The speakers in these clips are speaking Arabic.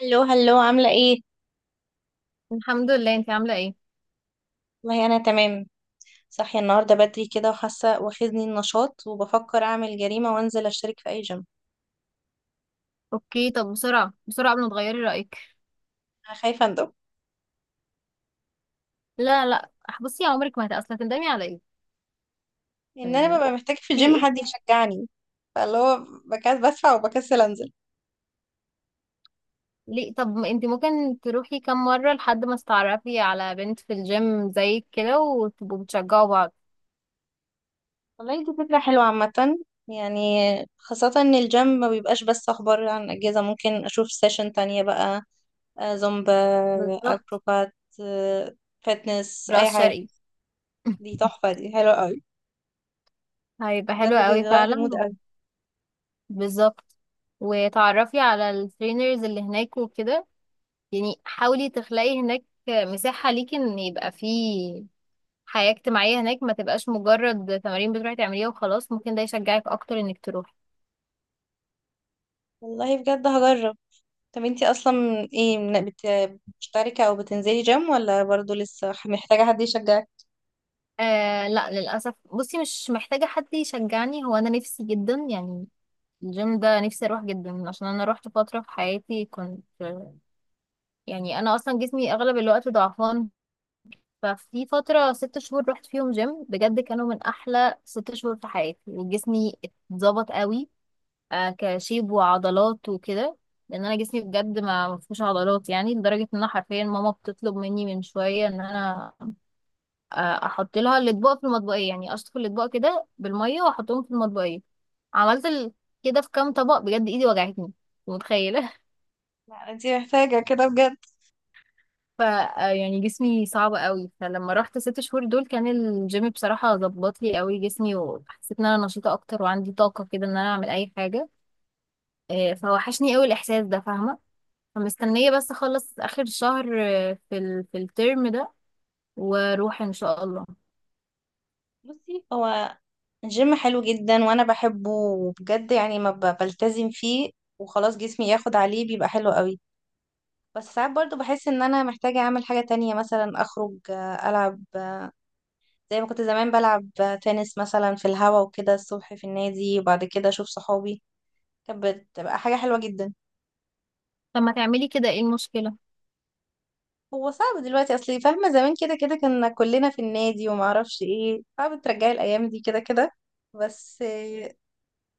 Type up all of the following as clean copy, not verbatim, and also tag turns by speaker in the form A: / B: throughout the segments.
A: هلو هلو، عاملة ايه؟
B: الحمد لله. انت عامله ايه؟
A: والله أنا تمام. صاحية النهاردة بدري كده، وحاسة واخدني النشاط وبفكر أعمل جريمة وأنزل أشترك في أي جيم.
B: اوكي، طب بسرعه بسرعه قبل ما تغيري رايك.
A: أنا خايفة أندم
B: لا لا. بصي، يا عمرك ما اصلا تندمي على ايه؟
A: إن أنا
B: يعني
A: ببقى محتاجة في
B: في
A: الجيم حد
B: ايه؟
A: يشجعني، فاللي هو بكسل بدفع وبكسل أنزل.
B: ليه؟ طب ما انت ممكن تروحي كام مره لحد ما تتعرفي على بنت في الجيم زيك كده وتبقوا بتشجعوا بعض.
A: والله دي فكرة حلوة عامة، يعني خاصة إن الجيم ما بيبقاش بس أخبار عن أجهزة، ممكن أشوف سيشن تانية بقى. زومبا،
B: بالظبط.
A: أكروبات، آه، فتنس أي
B: راس
A: حاجة.
B: شرقي.
A: دي تحفة، دي حلوة أوي،
B: هيبقى حلو
A: بجد
B: قوي
A: بيغير
B: فعلا.
A: المود أوي.
B: بالظبط. وتعرفي على الترينرز اللي هناك وكده. يعني حاولي تخلقي هناك مساحه ليكي ان يبقى فيه حياة اجتماعية هناك، ما تبقاش مجرد تمارين بتروحي تعمليها وخلاص. ممكن ده يشجعك اكتر انك تروحي.
A: والله بجد هجرب. طب انتي اصلا ايه، بتشتركي او بتنزلي جيم ولا برضو لسه محتاجة حد يشجعك؟
B: آه لا، للأسف بصي مش محتاجة حد يشجعني، هو انا نفسي جدا يعني. الجيم ده نفسي اروح جدا، عشان انا روحت فترة في حياتي كنت، يعني انا اصلا جسمي اغلب الوقت ضعفان. ففي فترة 6 شهور رحت فيهم جيم بجد، كانوا من احلى 6 شهور في حياتي، وجسمي اتظبط قوي. كشيب وعضلات وكده، لان انا جسمي بجد ما فيهوش عضلات. يعني لدرجه ان انا حرفيا ماما بتطلب مني من شويه ان انا، آه، احط لها الاطباق في المطبقيه. يعني اشطف الاطباق كده بالميه واحطهم في المطبقيه. عملت ال- كده في كام طبق بجد ايدي وجعتني. متخيله؟
A: لا انتي محتاجة كده بجد.
B: ف آه، يعني جسمي صعب قوي. فلما رحت 6 شهور دول كان الجيم بصراحه ظبط لي قوي جسمي، وحسيت ان انا نشيطه اكتر وعندي طاقه كده ان انا اعمل اي حاجه. فوحشني قوي الاحساس ده، فاهمه؟ فمستنية بس اخلص اخر شهر في الترم ده واروح ان شاء الله.
A: بصي، هو الجيم حلو جدا وانا بحبه، وبجد يعني ما بلتزم فيه وخلاص، جسمي ياخد عليه بيبقى حلو قوي. بس ساعات برضو بحس ان انا محتاجة اعمل حاجة تانية، مثلا اخرج، العب، زي ما كنت زمان بلعب تنس مثلا في الهوا وكده الصبح في النادي، وبعد كده اشوف صحابي. كانت بتبقى حاجة حلوة جدا.
B: طب ما تعملي كده، ايه المشكلة؟
A: هو صعب دلوقتي، اصل فاهمه زمان كده كده كنا كلنا في النادي، وما اعرفش ايه صعب ترجعي الايام دي كده كده. بس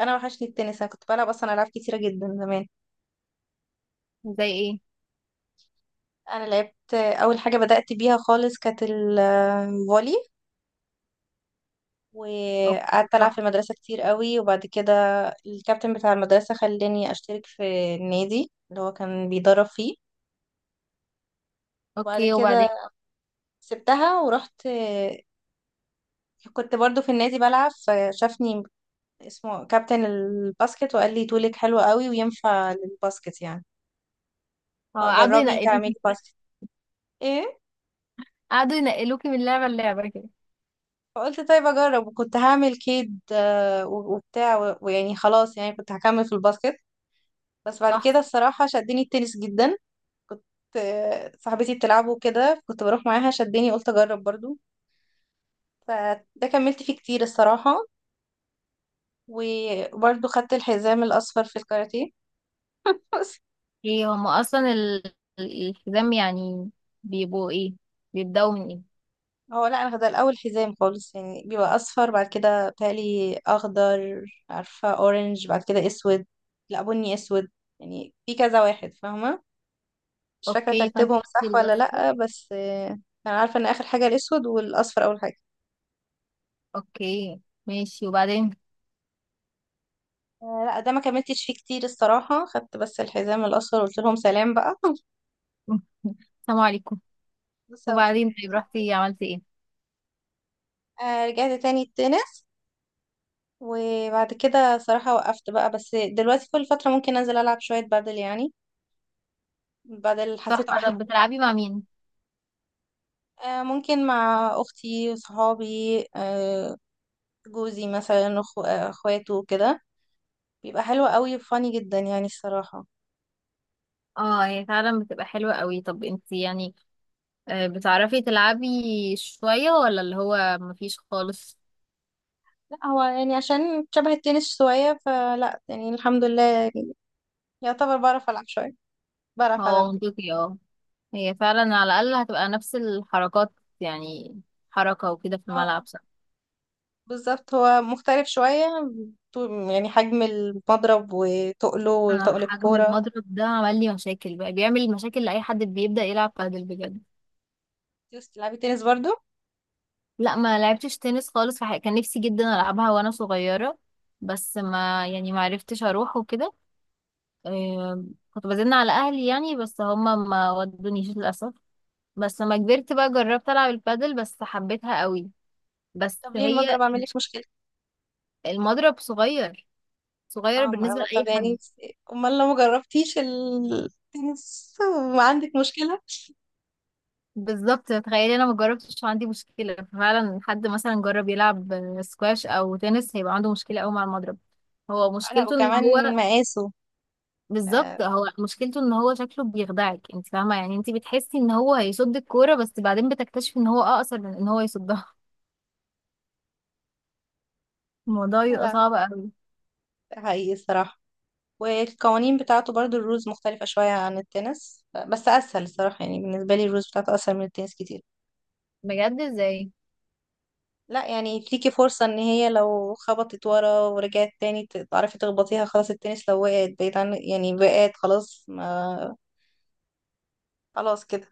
A: انا وحشني التنس، انا كنت بلعب اصلا العاب كتيره جدا زمان.
B: زي ايه؟
A: انا لعبت، اول حاجه بدات بيها خالص كانت الفولي.
B: اوكي.
A: وقعدت العب في
B: صح.
A: المدرسه كتير قوي، وبعد كده الكابتن بتاع المدرسه خلاني اشترك في النادي اللي هو كان بيدرب فيه. وبعد
B: اوكي، وبعدين؟
A: كده سبتها ورحت، كنت برضو في النادي بلعب فشافني، اسمه كابتن الباسكت، وقال لي طولك حلو قوي وينفع للباسكت، يعني
B: اه قعدوا
A: فجربي تعملي
B: ينقلوكي.
A: باسكت. ايه؟
B: قعدوا ينقلوكي من لعبة للعبة كده.
A: فقلت طيب اجرب، وكنت هعمل كيد وبتاع ويعني خلاص، يعني كنت هكمل في الباسكت. بس بعد
B: صح.
A: كده الصراحة شدني التنس جدا. كنت آه، صاحبتي بتلعبه كده، كنت بروح معاها، شدني، قلت اجرب برضو. فده كملت فيه كتير الصراحة. وبرضو خدت الحزام الأصفر في الكاراتيه.
B: ايه هما اصلا الحزام يعني بيبقوا ايه؟ بيبدأوا من ايه؟
A: هو لا، انا ده الاول حزام خالص، يعني بيبقى اصفر، بعد كده بتهيألي اخضر، عارفه، اورنج، بعد كده اسود. لا، بني، اسود. يعني في كذا واحد فاهمه، مش فاكره
B: اوكي، فانت
A: ترتيبهم
B: تاخدي
A: صح ولا
B: الاصفر.
A: لا، بس انا عارفه ان اخر حاجه الاسود والاصفر اول حاجه.
B: اوكي، ماشي وبعدين؟
A: لا، ده ما كملتش فيه كتير الصراحه، خدت بس الحزام الاصفر وقلت لهم سلام بقى.
B: السلام عليكم.
A: بالظبط.
B: وبعدين؟ طيب رحتي عملتي ايه؟
A: رجعت تاني التنس، وبعد كده صراحه وقفت بقى، بس دلوقتي كل فتره ممكن انزل العب شويه بادل يعني. بادل حسيته
B: تحفة.
A: احلى.
B: طب بتلعبي مع مين؟
A: ممكن مع اختي، صحابي، آه، جوزي مثلا، اخواته كده. بيبقى حلو قوي، فاني جدا يعني الصراحة.
B: اه، هي فعلا بتبقى حلوة قوي. طب انت يعني بتعرفي تلعبي شوية ولا اللي هو مفيش خالص؟
A: لا هو يعني عشان شبه التنس شوية، فلا يعني الحمد لله، يعني يعتبر بعرف ألعب شوية. بعرف ألعب.
B: هو منطقي، اه. هي فعلا على الأقل هتبقى نفس الحركات يعني، حركة وكده في
A: اه،
B: الملعب، صح؟
A: بالظبط، هو مختلف شوية، يعني حجم المضرب وتقله
B: انا
A: وتقل
B: حجم
A: الكورة.
B: المضرب ده عمل لي مشاكل بقى. بيعمل مشاكل لأي حد بيبدأ يلعب بادل بجد.
A: تلعبي تنس برضو؟
B: لا ما لعبتش تنس خالص في حقيقة. كان نفسي جدا ألعبها وانا صغيرة بس ما يعني ما عرفتش اروح وكده. آه، كنت بزن على اهلي يعني، بس هما ما ودونيش للاسف. بس لما كبرت بقى جربت العب البادل، بس حبيتها قوي. بس
A: طب ليه
B: هي،
A: المضرب عامل لك مشكلة؟
B: المضرب صغير، صغير
A: اه، ما
B: بالنسبه
A: أنا- طب
B: لاي
A: يعني
B: حد.
A: امال لو ما جربتيش التنس وعندك مشكلة.
B: بالظبط، تخيلي انا ما جربتش عندي مشكله فعلا. حد مثلا جرب يلعب سكواش او تنس هيبقى عنده مشكله قوي مع المضرب. هو
A: لا،
B: مشكلته ان هو،
A: وكمان مقاسه. آه،
B: بالظبط هو مشكلته ان هو شكله بيخدعك، انت فاهمه؟ يعني انت بتحسي ان هو هيصد الكوره، بس بعدين بتكتشفي ان هو اقصر من ان هو يصدها. الموضوع بيبقى
A: لا
B: صعب قوي.
A: ده حقيقي الصراحة. والقوانين بتاعته برضو الرولز مختلفة شوية عن التنس، بس أسهل الصراحة يعني، بالنسبة لي الرولز بتاعته أسهل من التنس كتير.
B: بجد؟ ازاي؟
A: لا يعني ليكي فرصة إن هي لو خبطت ورا ورجعت تاني تعرفي تخبطيها، خلاص. التنس لو وقعت بعيد عن، يعني وقعت خلاص ما، خلاص كده.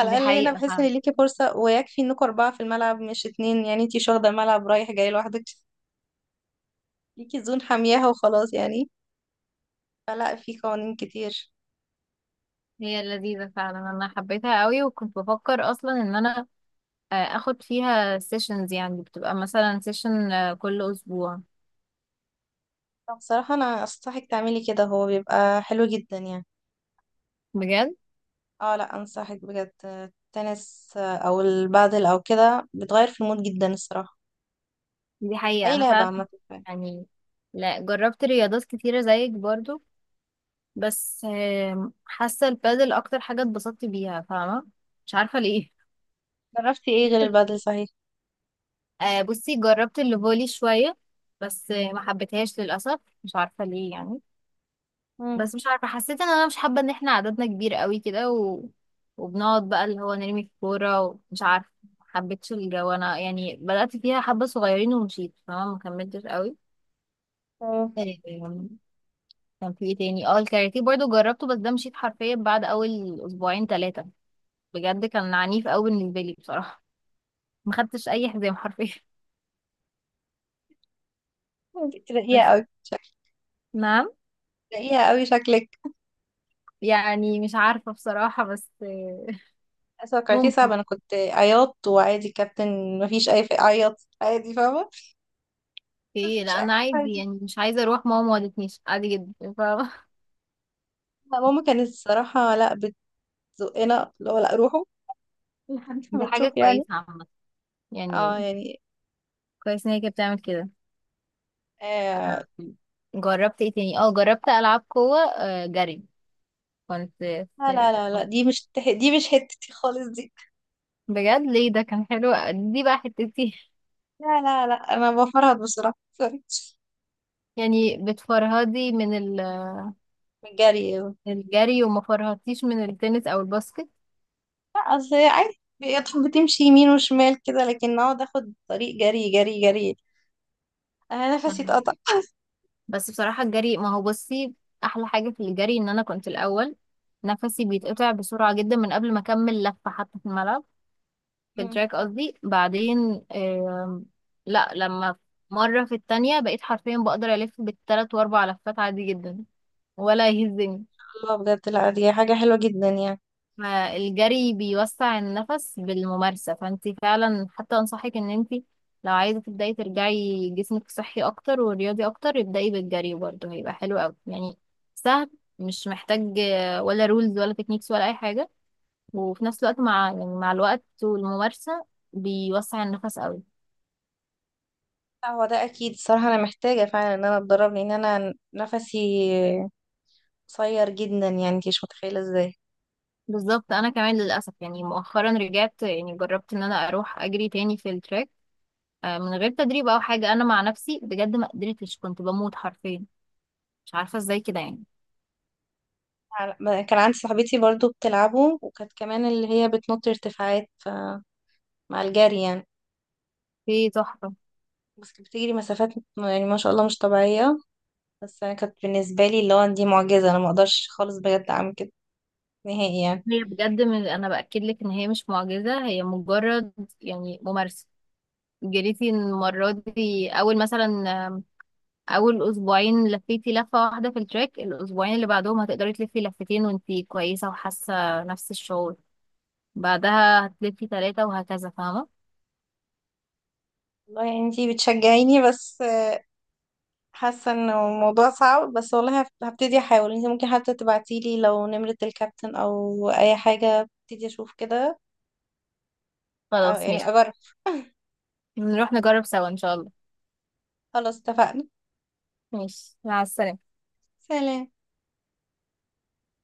B: دي
A: الأقل هنا
B: حقيقه.
A: بحس إن ليكي فرصة، ويكفي إنكوا أربعة في الملعب مش اتنين، يعني انتي مش واخدة الملعب رايح جاي لوحدك، ليكي زون حامياها وخلاص يعني، فلا في قوانين كتير.
B: هي لذيذة فعلا، انا حبيتها قوي، وكنت بفكر اصلا ان انا اخد فيها سيشنز. يعني بتبقى مثلا سيشن كل اسبوع.
A: طب بصراحة أنا أنصحك تعملي كده، هو بيبقى حلو جدا يعني.
B: بجد؟
A: اه لا، أنصحك بجد، التنس أو البادل أو كده بتغير في المود جدا الصراحة،
B: دي حقيقة،
A: أي
B: انا
A: لعبة
B: فعلا
A: عامة يعني.
B: يعني، لا جربت رياضات كتيرة زيك برضو، بس حاسة البادل اكتر حاجة اتبسطت بيها، فاهمة؟ مش عارفة ليه.
A: جربتي ايه غير البادل صحيح؟
B: بصي جربت الفولي شوية، بس ما حبيتهاش للأسف، مش عارفة ليه يعني.
A: مم.
B: بس مش عارفة حسيت ان انا مش حابة ان احنا عددنا كبير قوي كده، و... وبنقعد بقى اللي هو نرمي الكورة، ومش عارفة، محبتش الجو انا يعني. بدأت فيها حبة صغيرين ومشيت، فما مكملتش قوي.
A: تمام.
B: آم، كان في ايه تاني؟ اه الكاراتيه برضو جربته، بس ده مشيت حرفيا بعد اول 2 او 3 اسابيع. بجد كان عنيف قوي بالنسبة لي بصراحة. ما خدتش اي حزام حرفيا.
A: انتي تلاقيها
B: بس.
A: أوي شكلك،
B: نعم؟
A: تلاقيها أوي شكلك،
B: يعني مش عارفة بصراحة، بس
A: توقعتيه صعب.
B: ممكن.
A: انا كنت عياط وعادي كابتن، مفيش اي عيط عادي فاهمه،
B: ايه لا
A: مفيش اي،
B: انا عادي،
A: عادي.
B: يعني مش عايزة اروح، ماما ما ودتنيش عادي جدا.
A: لا ماما كانت الصراحه لا، بتزقنا اللي هو لا روحوا. لحد
B: دي
A: ما
B: حاجة
A: تشوف يعني.
B: كويسة عامة
A: اه
B: يعني،
A: يعني.
B: كويس ان هي كانت بتعمل كده.
A: آه
B: جربت ايه تاني؟ اه جربت العاب قوة، جري. كنت في-
A: لا
B: في-
A: لا لا لا، دي مش حتتي خالص دي.
B: بجد ليه؟ ده كان حلو، دي بقى حتتي.
A: لا لا لا، انا بفرهد بصراحه، سوري.
B: يعني بتفرهدي من
A: من الجري، لا.
B: الجري وما فرهدتيش من التنس او الباسكت؟
A: اصل هي عادي بتحب بتمشي يمين وشمال كده، لكن اقعد اخد طريق جري جري جري، انا نفسي
B: فاهمة.
A: اتقطع.
B: بس بصراحة الجري، ما هو بصي احلى حاجة في الجري، ان انا كنت الاول نفسي بيتقطع بسرعة جدا من قبل ما اكمل لفة حتى في الملعب، في التراك قصدي. بعدين لا، لما مرة في التانية بقيت حرفيا بقدر ألف بـ3 و4 لفات عادي جدا ولا يهزني.
A: الله، بجد لا دي حاجه حلوه جدا يعني.
B: فالجري بيوسع النفس بالممارسة، فانت فعلا حتى أنصحك إن انت لو عايزة تبدأي ترجعي جسمك صحي أكتر ورياضي أكتر، ابدأي بالجري، برضه هيبقى حلو أوي يعني. سهل، مش محتاج ولا رولز ولا تكنيكس ولا أي حاجة، وفي نفس الوقت مع، يعني مع الوقت والممارسة، بيوسع النفس أوي.
A: لا هو ده اكيد الصراحه، انا محتاجه فعلا ان انا اتدرب، لان انا نفسي قصير جدا، يعني انت مش متخيله ازاي.
B: بالظبط، انا كمان للاسف يعني مؤخرا رجعت يعني جربت ان انا اروح اجري تاني في التراك، من غير تدريب او حاجه. انا مع نفسي بجد ما قدرتش، كنت بموت حرفيا، مش عارفه ازاي كده يعني.
A: كان عندي صاحبتي برضو بتلعبه، وكانت كمان اللي هي بتنط ارتفاعات مع الجري يعني.
B: في تحفه،
A: بس كانت بتجري مسافات يعني، ما شاء الله، مش طبيعيه. بس انا كانت بالنسبه لي اللي هو دي معجزه، انا ما اقدرش خالص بجد اعمل كده نهائي يعني.
B: هي بجد، من انا باكد لك ان هي مش معجزه، هي مجرد يعني ممارسه. جريتي المره دي اول مثلا، آم، اول 2 اسبوع لفيتي لفه 1 في التراك. الاسبوعين اللي بعدهم هتقدري تلفي 2 لفات وانتي كويسه وحاسه نفس الشعور. بعدها هتلفي 3، وهكذا، فاهمه؟
A: والله يعني انتي بتشجعيني، بس حاسه انه الموضوع صعب، بس والله هبتدي احاول. انت ممكن حتى تبعتيلي لو نمرة الكابتن او اي حاجه، ابتدي اشوف كده، أو
B: خلاص
A: يعني
B: ماشي.
A: اجرب.
B: نروح نجرب سوا ان شاء الله.
A: خلاص اتفقنا.
B: ماشي، مع السلامة.
A: سلام.